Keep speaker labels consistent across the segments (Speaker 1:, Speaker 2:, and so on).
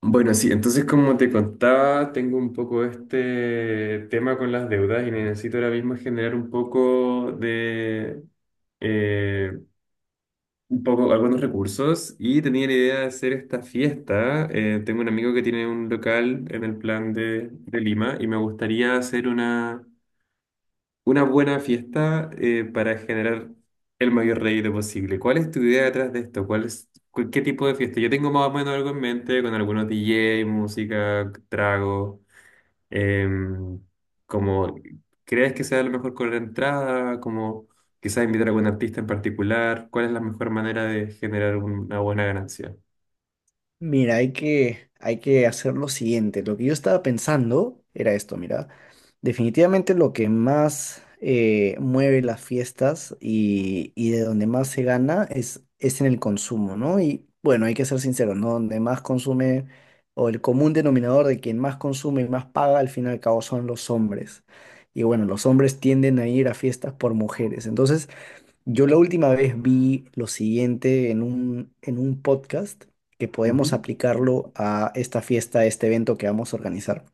Speaker 1: Bueno, sí, entonces como te contaba, tengo un poco este tema con las deudas y necesito ahora mismo generar un poco de, eh, un poco, algunos recursos y tenía la idea de hacer esta fiesta. Tengo un amigo que tiene un local en el plan de Lima y me gustaría hacer una... Una buena fiesta para generar el mayor rédito posible. ¿Cuál es tu idea detrás de esto? ¿Cuál es, qué tipo de fiesta? Yo tengo más o menos algo en mente con algunos DJ, música, trago. em, como, ¿Crees que sea lo mejor con la entrada? Como quizás invitar a algún artista en particular. ¿Cuál es la mejor manera de generar una buena ganancia?
Speaker 2: Mira, hay que hacer lo siguiente. Lo que yo estaba pensando era esto, mira. Definitivamente lo que más mueve las fiestas y de donde más se gana es en el consumo, ¿no? Y bueno, hay que ser sinceros, ¿no? Donde más consume o el común denominador de quien más consume y más paga, al fin y al cabo son los hombres. Y bueno, los hombres tienden a ir a fiestas por mujeres. Entonces, yo la última vez vi lo siguiente en en un podcast que
Speaker 1: Ujú.
Speaker 2: podemos aplicarlo a esta fiesta, a este evento que vamos a organizar.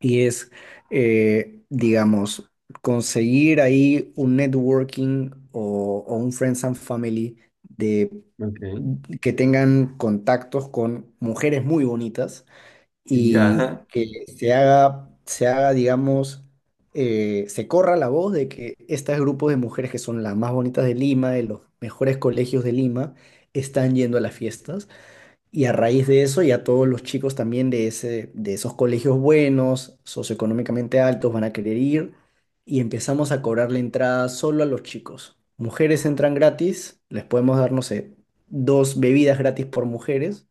Speaker 2: Y es, digamos, conseguir ahí un networking o un friends and family de,
Speaker 1: Ok.
Speaker 2: que tengan contactos con mujeres muy bonitas y
Speaker 1: Ya.
Speaker 2: que se haga, digamos, se corra la voz de que estos grupos de mujeres que son las más bonitas de Lima, de los mejores colegios de Lima, están yendo a las fiestas. Y a raíz de eso, ya todos los chicos también de de esos colegios buenos, socioeconómicamente altos, van a querer ir y empezamos a cobrar la entrada solo a los chicos. Mujeres entran gratis, les podemos dar, no sé, dos bebidas gratis por mujeres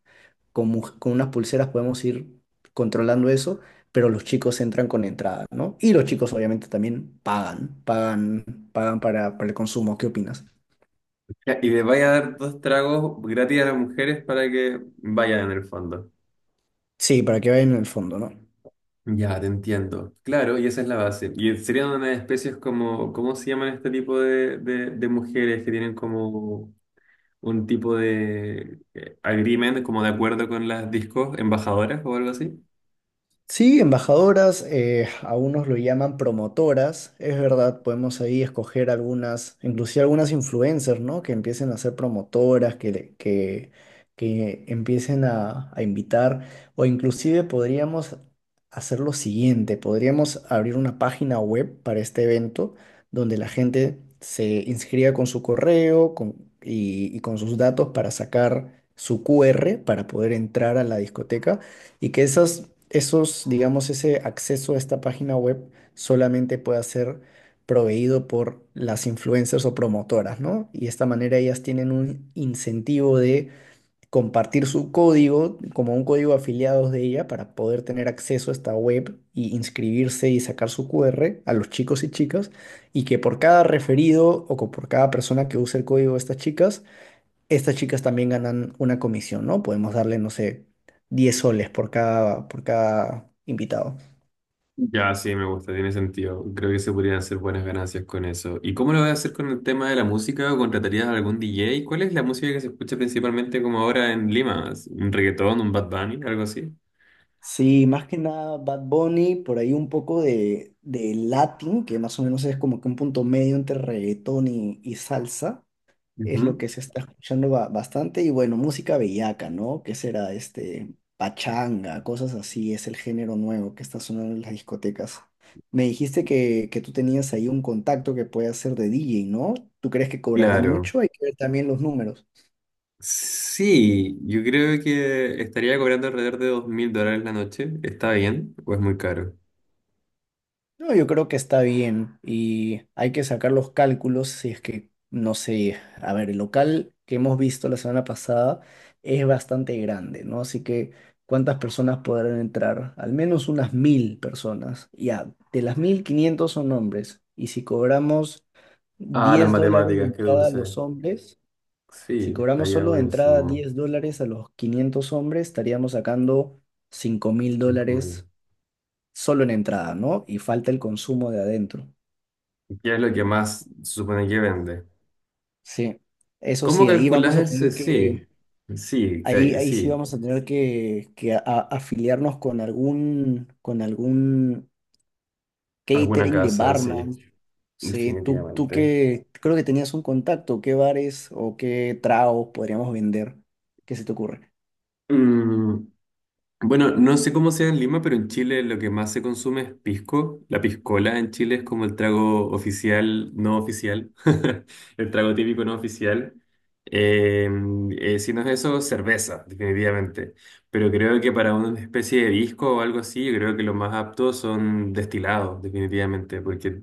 Speaker 2: con, con unas pulseras podemos ir controlando eso, pero los chicos entran con entrada, ¿no? Y los chicos obviamente también pagan, pagan para el consumo. ¿Qué opinas?
Speaker 1: Ya, ¿y le vaya a dar dos tragos gratis a las mujeres para que vayan en el fondo?
Speaker 2: Sí, para que vayan en el fondo, ¿no?
Speaker 1: Ya, te entiendo. Claro, y esa es la base. Y serían unas especies como, ¿cómo se llaman este tipo de mujeres que tienen como un tipo de agreement, como de acuerdo con las discos embajadoras o algo así?
Speaker 2: Sí, embajadoras, a unos lo llaman promotoras, es verdad, podemos ahí escoger algunas, inclusive algunas influencers, ¿no? Que empiecen a ser promotoras, que empiecen a invitar, o inclusive podríamos hacer lo siguiente, podríamos abrir una página web para este evento donde la gente se inscriba con su correo y con sus datos para sacar su QR para poder entrar a la discoteca y que esos, digamos, ese acceso a esta página web solamente pueda ser proveído por las influencers o promotoras, ¿no? Y de esta manera ellas tienen un incentivo de compartir su código como un código afiliados de ella para poder tener acceso a esta web y inscribirse y sacar su QR a los chicos y chicas y que por cada referido o por cada persona que use el código de estas chicas también ganan una comisión, ¿no? Podemos darle, no sé, 10 soles por cada invitado.
Speaker 1: Ya, sí, me gusta, tiene sentido. Creo que se podrían hacer buenas ganancias con eso. ¿Y cómo lo vas a hacer con el tema de la música? ¿O contratarías a algún DJ? ¿Cuál es la música que se escucha principalmente como ahora en Lima? ¿Un reggaetón, un Bad Bunny, algo así?
Speaker 2: Sí, más que nada Bad Bunny, por ahí un poco de Latin, que más o menos es como que un punto medio entre reggaetón y salsa. Es lo
Speaker 1: Ujú.
Speaker 2: que se está escuchando bastante. Y bueno, música bellaca, ¿no? ¿Qué será este? Pachanga, cosas así, es el género nuevo que está sonando en las discotecas. Me dijiste que tú tenías ahí un contacto que puede hacer de DJ, ¿no? ¿Tú crees que cobrará
Speaker 1: Claro.
Speaker 2: mucho? Hay que ver también los números.
Speaker 1: Sí, yo creo que estaría cobrando alrededor de $2000 la noche. ¿Está bien o es muy caro?
Speaker 2: No, yo creo que está bien y hay que sacar los cálculos si es que, no sé, a ver, el local que hemos visto la semana pasada es bastante grande, ¿no? Así que, ¿cuántas personas podrán entrar? Al menos unas 1000 personas. Ya, de las 1000, 500 son hombres. Y si cobramos
Speaker 1: Ah, las
Speaker 2: 10 dólares de
Speaker 1: matemáticas, qué
Speaker 2: entrada a
Speaker 1: dulce.
Speaker 2: los hombres, si
Speaker 1: Sí,
Speaker 2: cobramos
Speaker 1: estaría
Speaker 2: solo de entrada
Speaker 1: buenísimo.
Speaker 2: 10 dólares a los 500 hombres, estaríamos sacando cinco mil
Speaker 1: ¿Quién come?
Speaker 2: dólares solo en entrada, ¿no? Y falta el consumo de adentro.
Speaker 1: ¿Qué es lo que más se supone que vende?
Speaker 2: Sí, eso
Speaker 1: ¿Cómo
Speaker 2: sí, ahí
Speaker 1: calculas
Speaker 2: vamos a
Speaker 1: el...
Speaker 2: tener
Speaker 1: Sí,
Speaker 2: que,
Speaker 1: sí,
Speaker 2: ahí sí
Speaker 1: sí.
Speaker 2: vamos a tener que, afiliarnos con algún
Speaker 1: Alguna
Speaker 2: catering de
Speaker 1: casa, sí,
Speaker 2: barman. Sí, tú
Speaker 1: definitivamente.
Speaker 2: que creo que tenías un contacto, ¿qué bares o qué tragos podríamos vender? ¿Qué se te ocurre?
Speaker 1: Mm. Bueno, no sé cómo sea en Lima, pero en Chile lo que más se consume es pisco. La piscola en Chile es como el trago oficial, no oficial, el trago típico no oficial. Eh, si no es eso, cerveza, definitivamente. Pero creo que para una especie de disco o algo así, yo creo que lo más apto son destilados, definitivamente, porque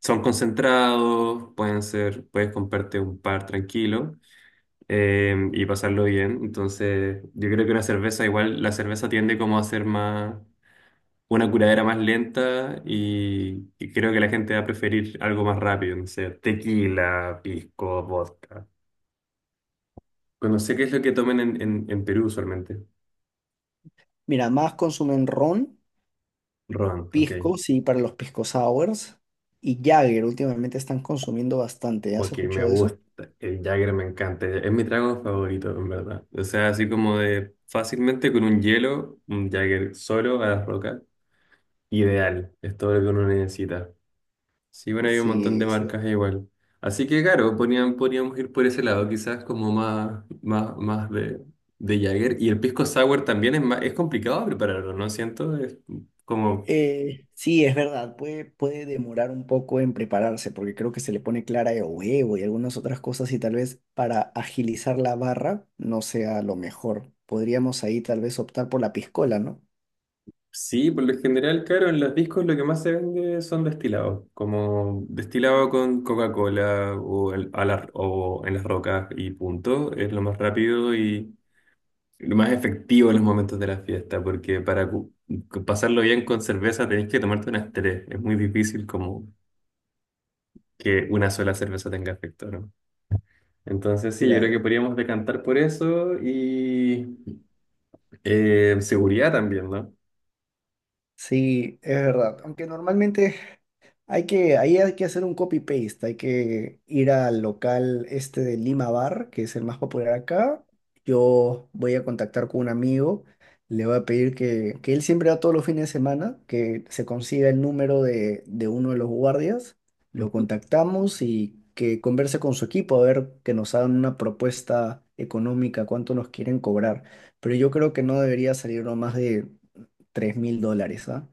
Speaker 1: son concentrados, pueden ser, puedes comprarte un par tranquilo y pasarlo bien. Entonces, yo creo que una cerveza, igual la cerveza tiende como a ser más, una curadera más lenta y creo que la gente va a preferir algo más rápido, no sé, tequila, pisco, vodka. Bueno, no sé qué es lo que tomen en Perú usualmente.
Speaker 2: Mira, más consumen ron,
Speaker 1: Ron, ok.
Speaker 2: pisco, sí, para los pisco sours, y Jagger, últimamente están consumiendo bastante, ¿has
Speaker 1: Ok, me
Speaker 2: escuchado de eso?
Speaker 1: gusta. El Jagger me encanta. Es mi trago favorito, en verdad. O sea, así como de fácilmente con un hielo, un Jagger solo a la roca. Ideal. Es todo lo que uno necesita. Sí, bueno, hay un montón
Speaker 2: Sí,
Speaker 1: de marcas igual. Así que claro, podríamos ir por ese lado, quizás como más, más, más de Jagger. Y el pisco sour también es más, es complicado prepararlo, ¿no? Siento, es como,
Speaker 2: Sí, es verdad, puede demorar un poco en prepararse porque creo que se le pone clara de huevo y algunas otras cosas y tal vez para agilizar la barra no sea lo mejor. Podríamos ahí tal vez optar por la piscola, ¿no?
Speaker 1: sí, por lo general, claro, en los discos lo que más se vende son destilados, como destilado con Coca-Cola o, o en las rocas y punto, es lo más rápido, lo más efectivo en los momentos de la fiesta, porque para pasarlo bien con cerveza tenés que tomarte unas tres. Es muy difícil como que una sola cerveza tenga efecto, ¿no? Entonces sí, yo creo que
Speaker 2: Claro.
Speaker 1: podríamos decantar por eso y seguridad también, ¿no?
Speaker 2: Sí, es verdad, aunque normalmente hay que, ahí hay que hacer un copy-paste, hay que ir al local este de Lima Bar, que es el más popular acá. Yo voy a contactar con un amigo, le voy a pedir que él siempre va todos los fines de semana, que se consiga el número de uno de los guardias, lo
Speaker 1: Ujú.
Speaker 2: contactamos y que converse con su equipo a ver que nos hagan una propuesta económica, cuánto nos quieren cobrar. Pero yo creo que no debería salirnos más de 3000 dólares, ¿ah?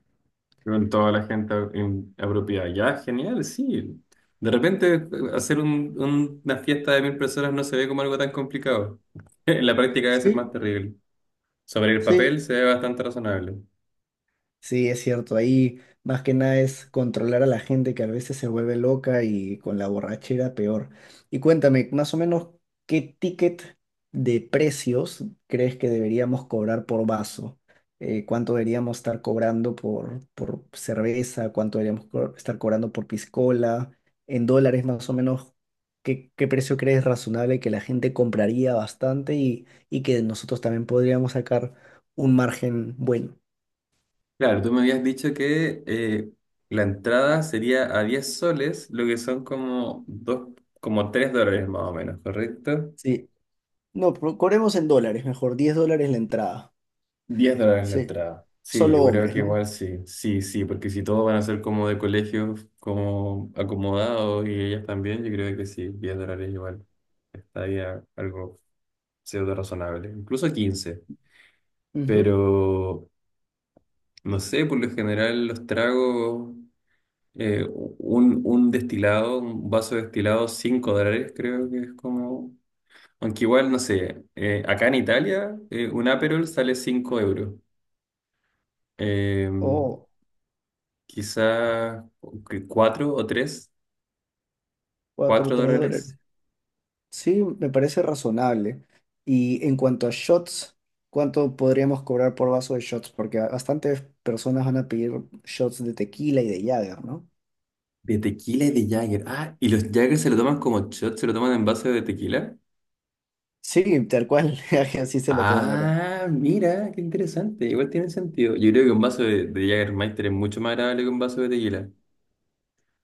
Speaker 1: Con toda la gente apropiada. Ya, genial, sí. De repente hacer una fiesta de 1000 personas no se ve como algo tan complicado. En la práctica debe ser más
Speaker 2: Sí,
Speaker 1: terrible. Sobre el
Speaker 2: sí,
Speaker 1: papel se ve bastante razonable.
Speaker 2: Sí, es cierto, ahí más que nada es controlar a la gente que a veces se vuelve loca y con la borrachera peor. Y cuéntame, más o menos, ¿qué ticket de precios crees que deberíamos cobrar por vaso? ¿Cuánto deberíamos estar cobrando por cerveza? ¿Cuánto deberíamos estar cobrando por piscola? En dólares, más o menos, ¿qué precio crees razonable que la gente compraría bastante y que nosotros también podríamos sacar un margen bueno?
Speaker 1: Claro, tú me habías dicho que la entrada sería a 10 soles, lo que son como dos, como $3 más o menos, ¿correcto?
Speaker 2: Sí, no, pero cobremos en dólares, mejor, 10 dólares la entrada.
Speaker 1: $10 la
Speaker 2: Sí,
Speaker 1: entrada. Sí,
Speaker 2: solo
Speaker 1: yo creo
Speaker 2: hombres,
Speaker 1: que
Speaker 2: ¿no?
Speaker 1: igual sí, sí, sí, porque si todos van a ser como de colegios, como acomodados y ellas también, yo creo que sí, $10 igual estaría algo pseudo razonable, incluso 15,
Speaker 2: Ujú.
Speaker 1: pero no sé, por lo general los tragos. Un destilado, un vaso de destilado, $5, creo que es como. Aunque igual, no sé, acá en Italia, un Aperol sale 5 euros. Eh,
Speaker 2: Oh,
Speaker 1: quizá 4 o tres,
Speaker 2: 4 o
Speaker 1: cuatro
Speaker 2: 3 dólares.
Speaker 1: dólares.
Speaker 2: Sí, me parece razonable. Y en cuanto a shots, ¿cuánto podríamos cobrar por vaso de shots? Porque bastantes personas van a pedir shots de tequila y de Jagger, ¿no?
Speaker 1: De tequila y de Jagger. Ah, y los Jagger se lo toman como shot, se lo toman en vaso de tequila.
Speaker 2: Sí, tal cual, así se lo toman acá.
Speaker 1: Ah, mira, qué interesante. Igual tiene sentido. Yo creo que un vaso de Jägermeister es mucho más agradable que un vaso de tequila.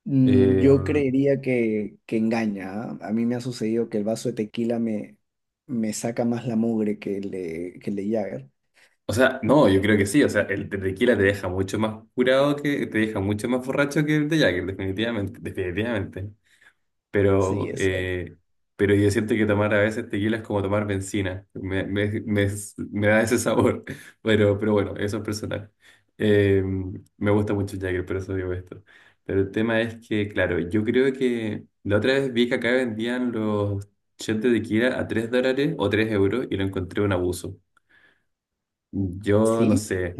Speaker 2: Mm,
Speaker 1: Eh,
Speaker 2: yo creería que engaña, ¿ah? A mí me ha sucedido que el vaso de tequila me saca más la mugre que el de Jagger.
Speaker 1: O sea, no, yo creo que sí. O sea, el tequila te deja mucho más curado que, te deja mucho más borracho que el de Jagger, definitivamente, definitivamente.
Speaker 2: Sí,
Speaker 1: Pero,
Speaker 2: es cierto.
Speaker 1: eh, pero yo siento que tomar a veces tequila es como tomar benzina. Me da ese sabor. Pero bueno, eso es personal. Eh, me gusta mucho el Jagger, por eso digo esto. Pero el tema es que, claro, yo creo que la otra vez vi que acá vendían los shots de tequila a $3 o 3 euros y lo encontré un abuso. Yo no
Speaker 2: Sí,
Speaker 1: sé.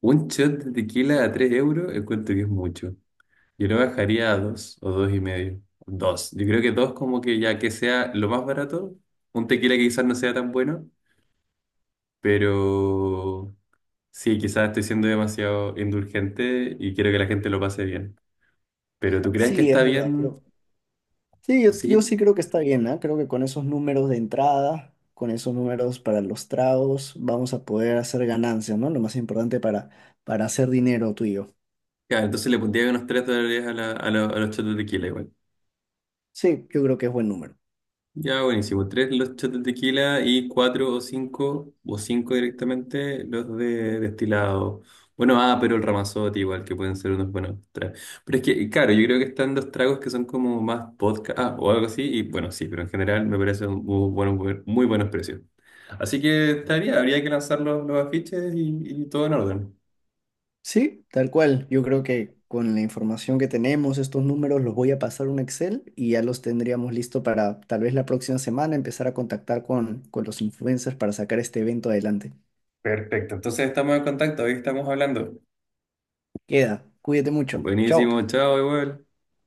Speaker 1: Un shot de tequila a 3 euros encuentro que es mucho. Yo lo bajaría a 2 o dos y medio. Dos. Yo creo que 2 como que ya que sea lo más barato. Un tequila que quizás no sea tan bueno, pero sí, quizás estoy siendo demasiado indulgente y quiero que la gente lo pase bien. Pero ¿tú crees que
Speaker 2: sí, es
Speaker 1: está
Speaker 2: verdad, pero-
Speaker 1: bien?
Speaker 2: sí, yo sí
Speaker 1: Sí.
Speaker 2: creo que está bien, ¿ah? Creo que con esos números de entrada, con esos números para los tragos, vamos a poder hacer ganancias, ¿no? Lo más importante para hacer dinero tú y yo.
Speaker 1: Claro, entonces le pondría unos $3 a, a, a los shots de tequila.
Speaker 2: Sí, yo creo que es buen número.
Speaker 1: Ya, buenísimo. Tres los shots de tequila y cuatro o cinco directamente, los de destilado. Bueno, ah, pero el Ramazotti igual, que pueden ser unos buenos tragos. Pero es que, claro, yo creo que están los tragos que son como más vodka, ah, o algo así, y bueno, sí, pero en general me parecen muy buenos precios. Así que estaría, habría que lanzar los afiches y todo en orden.
Speaker 2: Sí, tal cual. Yo creo que con la información que tenemos, estos números los voy a pasar a un Excel y ya los tendríamos listo para tal vez la próxima semana empezar a contactar con los influencers para sacar este evento adelante.
Speaker 1: Perfecto, entonces estamos en contacto, hoy estamos hablando.
Speaker 2: Queda, cuídate mucho. Chao.
Speaker 1: Buenísimo, chao, igual.